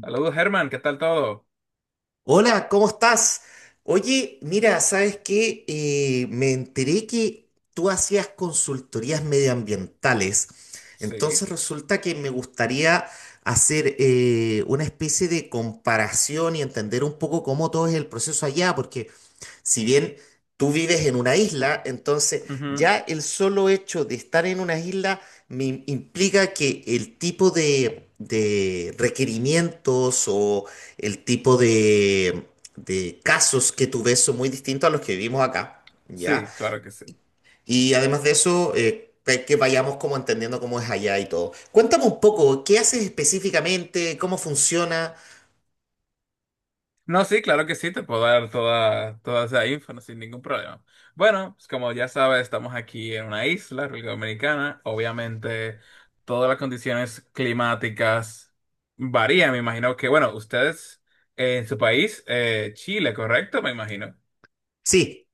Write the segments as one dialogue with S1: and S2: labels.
S1: Saludos, Germán, ¿qué tal todo?
S2: Hola, ¿cómo estás? Oye, mira, ¿sabes qué? Me enteré que tú hacías consultorías medioambientales,
S1: Sí.
S2: entonces resulta que me gustaría hacer una especie de comparación y entender un poco cómo todo es el proceso allá, porque si bien tú vives en una isla, entonces
S1: Ujú.
S2: ya el solo hecho de estar en una isla me implica que el tipo de requerimientos o el tipo de casos que tú ves son muy distintos a los que vivimos acá, ¿ya?
S1: Sí, claro que sí.
S2: Y además de eso, que vayamos como entendiendo cómo es allá y todo. Cuéntame un poco, ¿qué haces específicamente? ¿Cómo funciona?
S1: No, sí, claro que sí, te puedo dar toda, toda esa info no, sin ningún problema. Bueno, pues como ya sabes, estamos aquí en una isla, República Dominicana. Obviamente, todas las condiciones climáticas varían. Me imagino que, bueno, ustedes en su país, Chile, ¿correcto? Me imagino.
S2: Sí,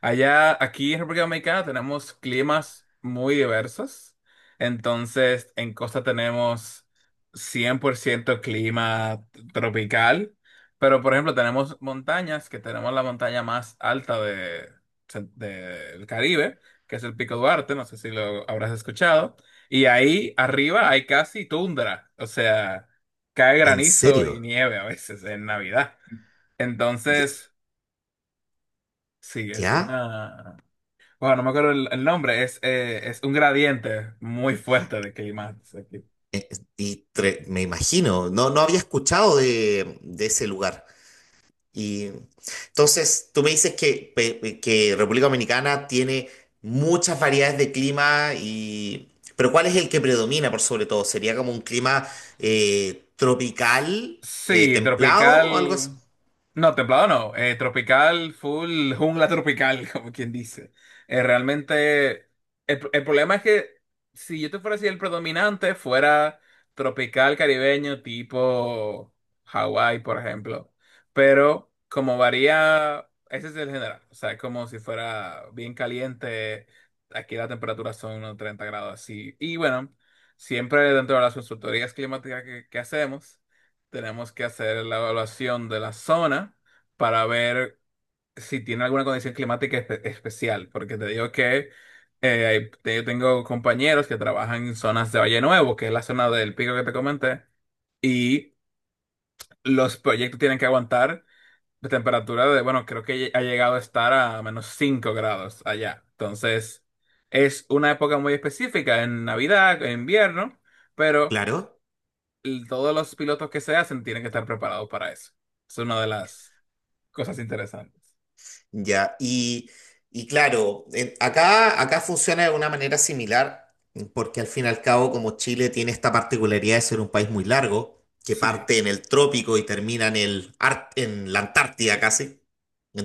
S1: Allá, aquí en República Dominicana tenemos climas muy diversos. Entonces, en costa tenemos 100% clima tropical, pero por ejemplo tenemos montañas, que tenemos la montaña más alta del Caribe, que es el Pico Duarte, no sé si lo habrás escuchado, y ahí arriba hay casi tundra, o sea, cae
S2: ¿en
S1: granizo y
S2: serio?
S1: nieve a veces en Navidad. Entonces, sí, es
S2: ¿Ya?
S1: una... Bueno, no me acuerdo el nombre, es un gradiente muy fuerte de clima.
S2: Eh, me imagino, no, no había escuchado de ese lugar. Y entonces, tú me dices que República Dominicana tiene muchas variedades de clima. Y... Pero ¿cuál es el que predomina por sobre todo? ¿Sería como un clima tropical,
S1: Sí,
S2: templado o algo así?
S1: tropical. No, templado no. Tropical, full jungla tropical, como quien dice. Realmente, el problema es que si yo te fuera a decir el predominante, fuera tropical caribeño, tipo Hawái, por ejemplo. Pero como varía, ese es el general. O sea, es como si fuera bien caliente. Aquí la temperatura son unos 30 grados así. Y bueno, siempre dentro de las consultorías climáticas que hacemos. Tenemos que hacer la evaluación de la zona para ver si tiene alguna condición climática especial, porque te digo que yo tengo compañeros que trabajan en zonas de Valle Nuevo, que es la zona del pico que te comenté, y los proyectos tienen que aguantar la temperatura de, bueno, creo que ha llegado a estar a menos 5 grados allá. Entonces, es una época muy específica, en Navidad, en invierno, pero
S2: Claro.
S1: todos los pilotos que se hacen tienen que estar preparados para eso. Es una de las cosas interesantes.
S2: Ya, y claro, acá funciona de una manera similar, porque al fin y al cabo, como Chile tiene esta particularidad de ser un país muy largo, que
S1: Sí,
S2: parte en el trópico y termina en la Antártida casi,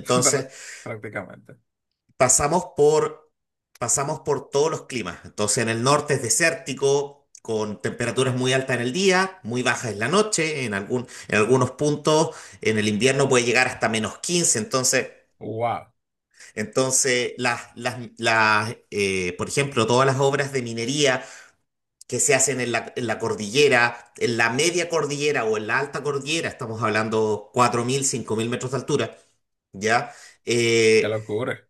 S1: prá- prácticamente.
S2: pasamos por, pasamos por todos los climas. Entonces en el norte es desértico, con temperaturas muy altas en el día, muy bajas en la noche, en algunos puntos en el invierno puede llegar hasta -15. Entonces,
S1: Wow,
S2: Entonces, por ejemplo, todas las obras de minería que se hacen en la cordillera, en la media cordillera o en la alta cordillera, estamos hablando 4.000 5.000 metros de altura, ¿ya?
S1: qué
S2: Eh,
S1: locura.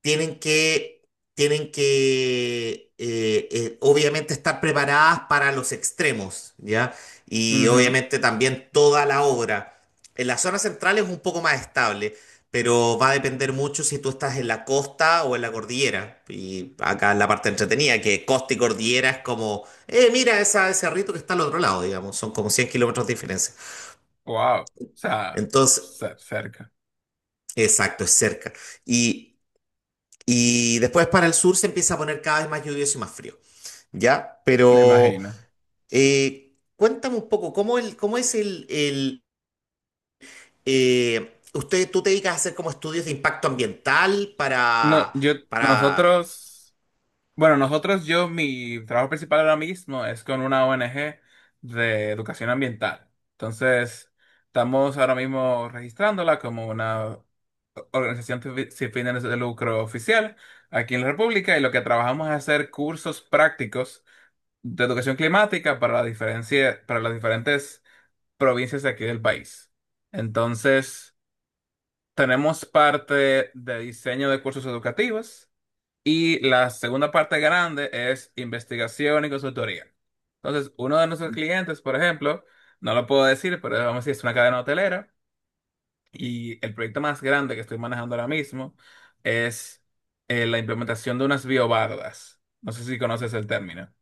S2: tienen que, tienen que obviamente estar preparadas para los extremos, ¿ya? Y
S1: Ujú.
S2: obviamente también toda la obra. En la zona central es un poco más estable, pero va a depender mucho si tú estás en la costa o en la cordillera. Y acá es la parte entretenida, que costa y cordillera es como, mira esa, ese rito que está al otro lado, digamos, son como 100 km de diferencia.
S1: Wow, o sea,
S2: Entonces,
S1: cerca,
S2: exacto, es cerca. Y, y después para el sur se empieza a poner cada vez más lluvioso y más frío. Ya,
S1: me
S2: pero
S1: imagino.
S2: cuéntame un poco, ¿cómo, el, cómo es el usted, ¿tú te dedicas a hacer como estudios de impacto ambiental?
S1: No,
S2: Para...
S1: yo,
S2: para
S1: nosotros. Bueno, nosotros, yo, mi trabajo principal ahora mismo es con una ONG de educación ambiental. Entonces, estamos ahora mismo registrándola como una organización sin fines de lucro oficial aquí en la República, y lo que trabajamos es hacer cursos prácticos de educación climática para la diferencia, para las diferentes provincias de aquí del país. Entonces, tenemos parte de diseño de cursos educativos. Y la segunda parte grande es investigación y consultoría. Entonces, uno de nuestros clientes, por ejemplo, no lo puedo decir, pero vamos a decir, es una cadena hotelera, y el proyecto más grande que estoy manejando ahora mismo es la implementación de unas biobardas. No sé si conoces el término.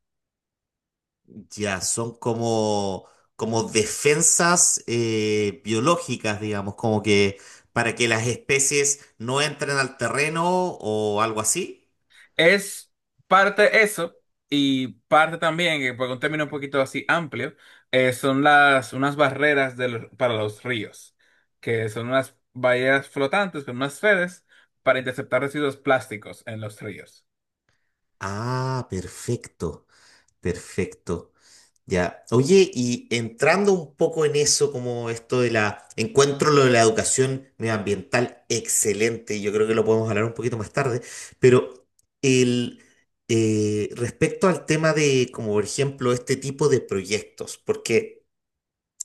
S2: ya, son como, como defensas biológicas, digamos, como que para que las especies no entren al terreno o algo así.
S1: Es parte eso y parte también, que por un término un poquito así amplio, son las unas barreras para los ríos, que son unas vallas flotantes con unas redes para interceptar residuos plásticos en los ríos.
S2: Ah, perfecto, perfecto. Ya. Oye, y entrando un poco en eso, como esto de la, encuentro lo de la educación medioambiental excelente, yo creo que lo podemos hablar un poquito más tarde, pero el, respecto al tema de, como por ejemplo, este tipo de proyectos, porque,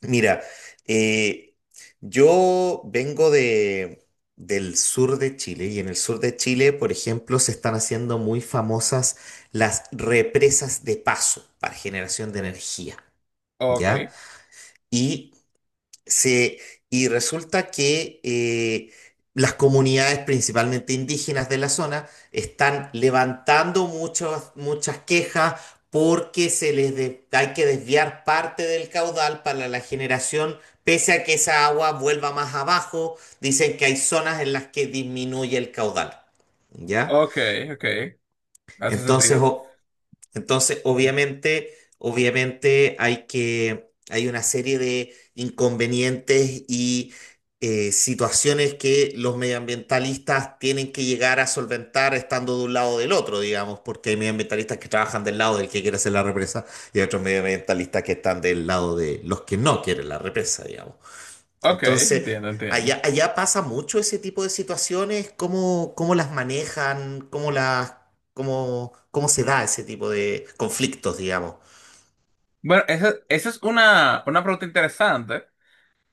S2: mira, eh, yo vengo del sur de Chile, y en el sur de Chile, por ejemplo, se están haciendo muy famosas las represas de paso para generación de energía.
S1: Ok,
S2: ¿Ya? Y se, y resulta que las comunidades, principalmente indígenas de la zona, están levantando muchas quejas porque hay que desviar parte del caudal para la generación, pese a que esa agua vuelva más abajo, dicen que hay zonas en las que disminuye el caudal, ¿ya?
S1: ok, ok. ¿Hace
S2: Entonces,
S1: sentido?
S2: obviamente, hay que, hay una serie de inconvenientes y situaciones que los medioambientalistas tienen que llegar a solventar estando de un lado o del otro, digamos, porque hay medioambientalistas que trabajan del lado del que quiere hacer la represa, y hay otros medioambientalistas que están del lado de los que no quieren la represa, digamos.
S1: Ok,
S2: Entonces,
S1: entiendo, entiendo.
S2: allá, allá pasa mucho ese tipo de situaciones. ¿Cómo las manejan? ¿Cómo se da ese tipo de conflictos, digamos?
S1: Bueno, esa es una pregunta interesante.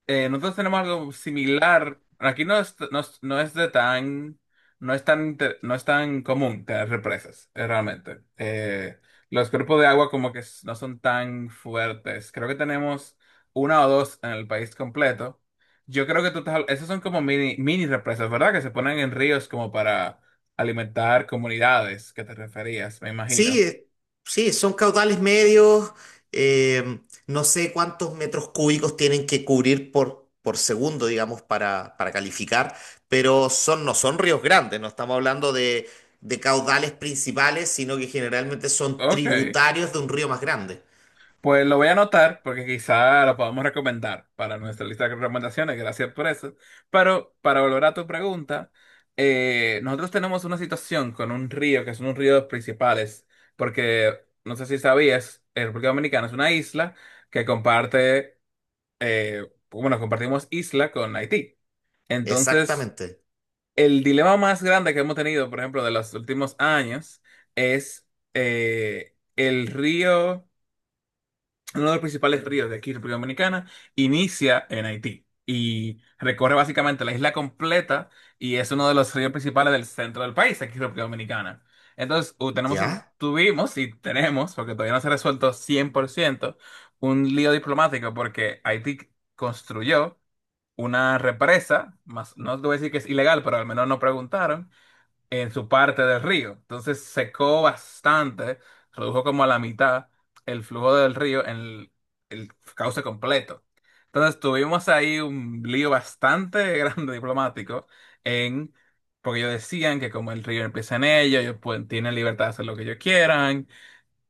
S1: Nosotros tenemos algo similar. Aquí no es de tan, no es tan común tener represas, realmente. Los cuerpos de agua como que no son tan fuertes. Creo que tenemos una o dos en el país completo. Yo creo que tú estás, esas son como mini represas, ¿verdad? Que se ponen en ríos como para alimentar comunidades, que te referías, me
S2: Sí,
S1: imagino.
S2: sí, son caudales medios, eh, no sé cuántos metros cúbicos tienen que cubrir por segundo, digamos, para calificar, pero son, no son ríos grandes, no estamos hablando de caudales principales, sino que generalmente son
S1: Ok.
S2: tributarios de un río más grande.
S1: Pues lo voy a anotar porque quizá lo podamos recomendar para nuestra lista de recomendaciones, gracias por eso. Pero para volver a tu pregunta, nosotros tenemos una situación con un río, que es uno de los ríos principales, porque no sé si sabías, República Dominicana es una isla que comparte, bueno, compartimos isla con Haití. Entonces,
S2: Exactamente.
S1: el dilema más grande que hemos tenido, por ejemplo, de los últimos años, es el río... Uno de los principales ríos de aquí, República Dominicana, inicia en Haití y recorre básicamente la isla completa, y es uno de los ríos principales del centro del país, aquí, República Dominicana. Entonces,
S2: ¿Ya?
S1: tuvimos y tenemos, porque todavía no se ha resuelto 100% un lío diplomático porque Haití construyó una represa, más, no te voy a decir que es ilegal, pero al menos no preguntaron, en su parte del río. Entonces secó bastante, redujo como a la mitad el flujo del río en el cauce completo. Entonces tuvimos ahí un lío bastante grande diplomático en, porque ellos decían que como el río empieza en ellos, ellos pueden, tienen libertad de hacer lo que ellos quieran,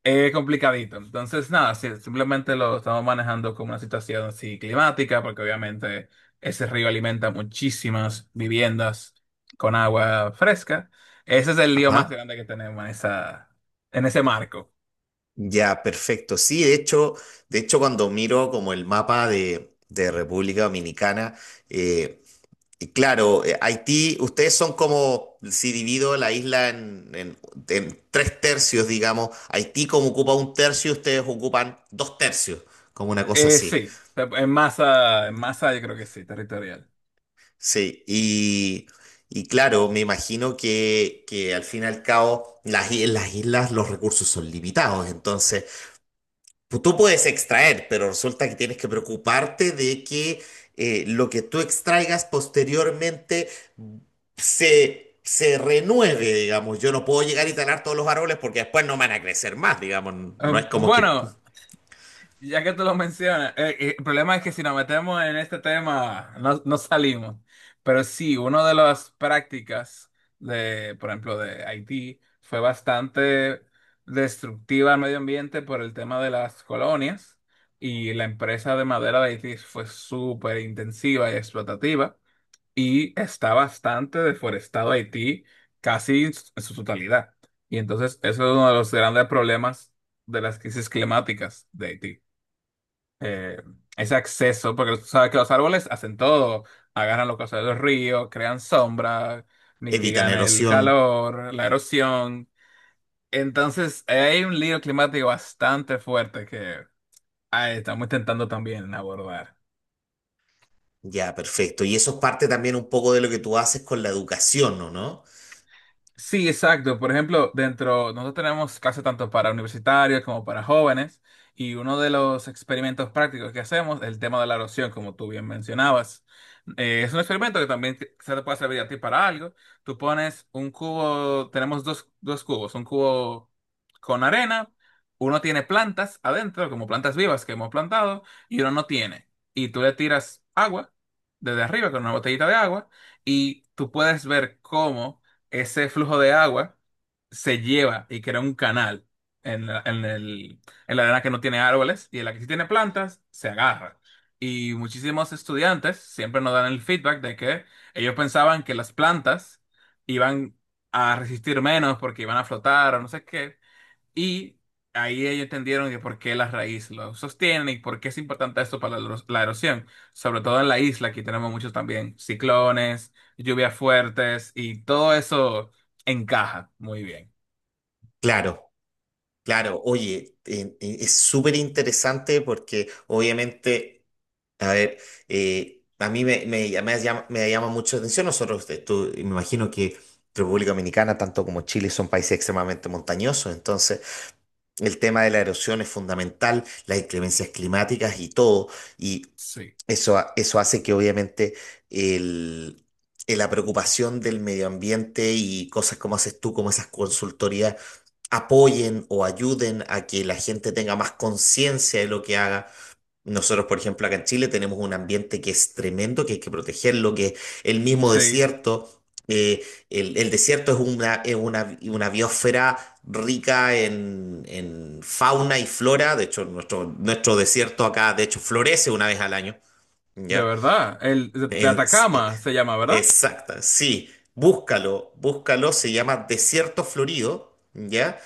S1: es complicadito. Entonces, nada, sí, simplemente lo estamos manejando como una situación así climática, porque obviamente ese río alimenta muchísimas viviendas con agua fresca. Ese es el lío más
S2: Ah,
S1: grande que tenemos en esa, en ese marco.
S2: ya, perfecto. Sí, de hecho, cuando miro como el mapa de República Dominicana, eh, y claro, Haití, ustedes son como, si divido la isla en tres tercios, digamos, Haití como ocupa un tercio, ustedes ocupan dos tercios, como una cosa así.
S1: Sí, en masa yo creo que sí, territorial.
S2: Sí, y claro, me imagino que al fin y al cabo las islas, los recursos son limitados, entonces... Pues tú puedes extraer, pero resulta que tienes que preocuparte de que lo que tú extraigas posteriormente se renueve, digamos. Yo no puedo llegar y talar todos los árboles porque después no van a crecer más, digamos. No es
S1: Eh,
S2: como que
S1: bueno. Ya que tú lo mencionas, el problema es que si nos metemos en este tema, no, no salimos. Pero sí, una de las prácticas de, por ejemplo, de Haití fue bastante destructiva al medio ambiente por el tema de las colonias, y la empresa de madera de Haití fue súper intensiva y explotativa, y está bastante deforestado Haití casi en su totalidad. Y entonces eso es uno de los grandes problemas de las crisis climáticas de Haití, eh, ese acceso, porque tú sabes que los árboles hacen todo, agarran los cauces de los ríos, crean sombra,
S2: evitan
S1: mitigan el
S2: erosión.
S1: calor, la erosión. Entonces, hay un lío climático bastante fuerte que estamos intentando también abordar.
S2: Ya, perfecto. Y eso es parte también un poco de lo que tú haces con la educación, ¿no? ¿No?
S1: Sí, exacto. Por ejemplo, dentro, nosotros tenemos clases tanto para universitarios como para jóvenes, y uno de los experimentos prácticos que hacemos es el tema de la erosión, como tú bien mencionabas. Es un experimento que también se te puede servir a ti para algo. Tú pones un cubo, tenemos dos, un cubo con arena, uno tiene plantas adentro, como plantas vivas que hemos plantado, y uno no tiene. Y tú le tiras agua desde arriba con una botellita de agua, y tú puedes ver cómo ese flujo de agua se lleva y crea un canal en la, en el- en la arena que no tiene árboles, y en la que sí tiene plantas, se agarra. Y muchísimos estudiantes siempre nos dan el feedback de que ellos pensaban que las plantas iban a resistir menos porque iban a flotar o no sé qué, y ahí ellos entendieron que por qué la raíz lo sostiene y por qué es importante esto para la, la erosión. Sobre todo en la isla, aquí tenemos muchos también ciclones, lluvias fuertes y todo eso encaja muy bien.
S2: Claro, claro. Oye, es súper interesante porque obviamente... A ver, a mí me llama mucho la atención. Nosotros, me imagino que República Dominicana, tanto como Chile, son países extremadamente montañosos. Entonces, el tema de la erosión es fundamental, las inclemencias climáticas y todo. Y
S1: Sí,
S2: eso, eso hace que obviamente el, la preocupación del medio ambiente y cosas como haces tú, como esas consultorías, apoyen o ayuden a que la gente tenga más conciencia de lo que haga. Nosotros, por ejemplo, acá en Chile tenemos un ambiente que es tremendo, que hay que protegerlo, que el mismo
S1: sí,
S2: desierto, el desierto una biosfera rica en fauna y flora. De hecho, nuestro desierto acá, de hecho, florece una vez al año,
S1: de
S2: ¿ya?
S1: verdad. El de
S2: En- eh,
S1: Atacama se llama, ¿verdad?
S2: Exacta, sí, búscalo, búscalo, se llama Desierto Florido, ¿ya?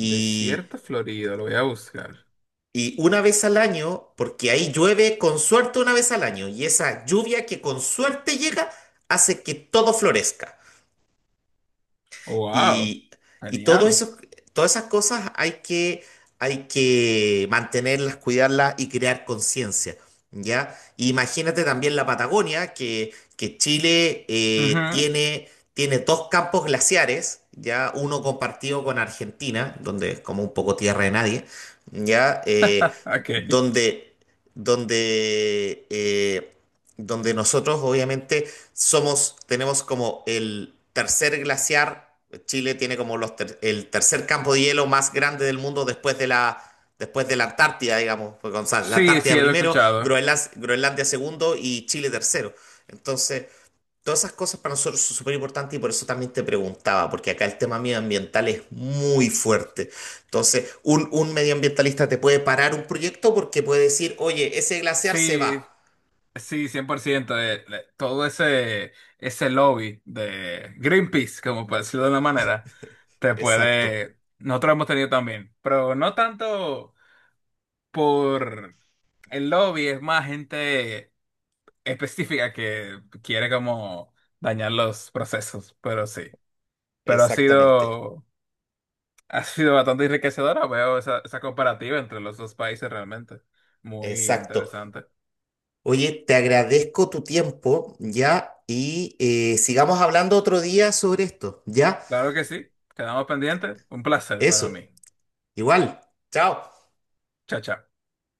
S1: Desierto Florido, lo voy a buscar.
S2: Y una vez al año, porque ahí llueve con suerte una vez al año, y esa lluvia que con suerte llega hace que todo florezca.
S1: Wow,
S2: Y y todo
S1: genial.
S2: eso, todas esas cosas hay que mantenerlas, cuidarlas y crear conciencia, ¿ya? Imagínate también la Patagonia, que Chile
S1: Ujú.
S2: tiene dos campos glaciares, ¿ya? Uno compartido con Argentina, donde es como un poco tierra de nadie, ¿ya?
S1: Ok.
S2: Donde, donde, eh, donde nosotros obviamente tenemos como el tercer glaciar. Chile tiene como el tercer campo de hielo más grande del mundo después de la Antártida, digamos. Porque, o sea, la
S1: Sí, sí,
S2: Antártida
S1: lo he
S2: primero,
S1: escuchado.
S2: Groenlandia, segundo, y Chile tercero. Entonces, todas esas cosas para nosotros son súper importantes y por eso también te preguntaba, porque acá el tema medioambiental es muy fuerte. Entonces, un medioambientalista te puede parar un proyecto porque puede decir, oye, ese glaciar se
S1: Sí,
S2: va.
S1: sí, 100%, de todo ese, ese lobby de Greenpeace, como por decirlo de una manera, te
S2: Exacto,
S1: puede, nosotros lo hemos tenido también, pero no tanto por el lobby, es más gente específica que quiere como dañar los procesos, pero sí, pero
S2: exactamente.
S1: ha sido bastante enriquecedora, veo esa, esa comparativa entre los dos países realmente, muy
S2: Exacto.
S1: interesante.
S2: Oye, te agradezco tu tiempo, ¿ya? Sigamos hablando otro día sobre esto, ¿ya?
S1: Claro que sí, quedamos pendientes, un placer para
S2: Eso,
S1: mí.
S2: igual. Chao.
S1: Chao, chao.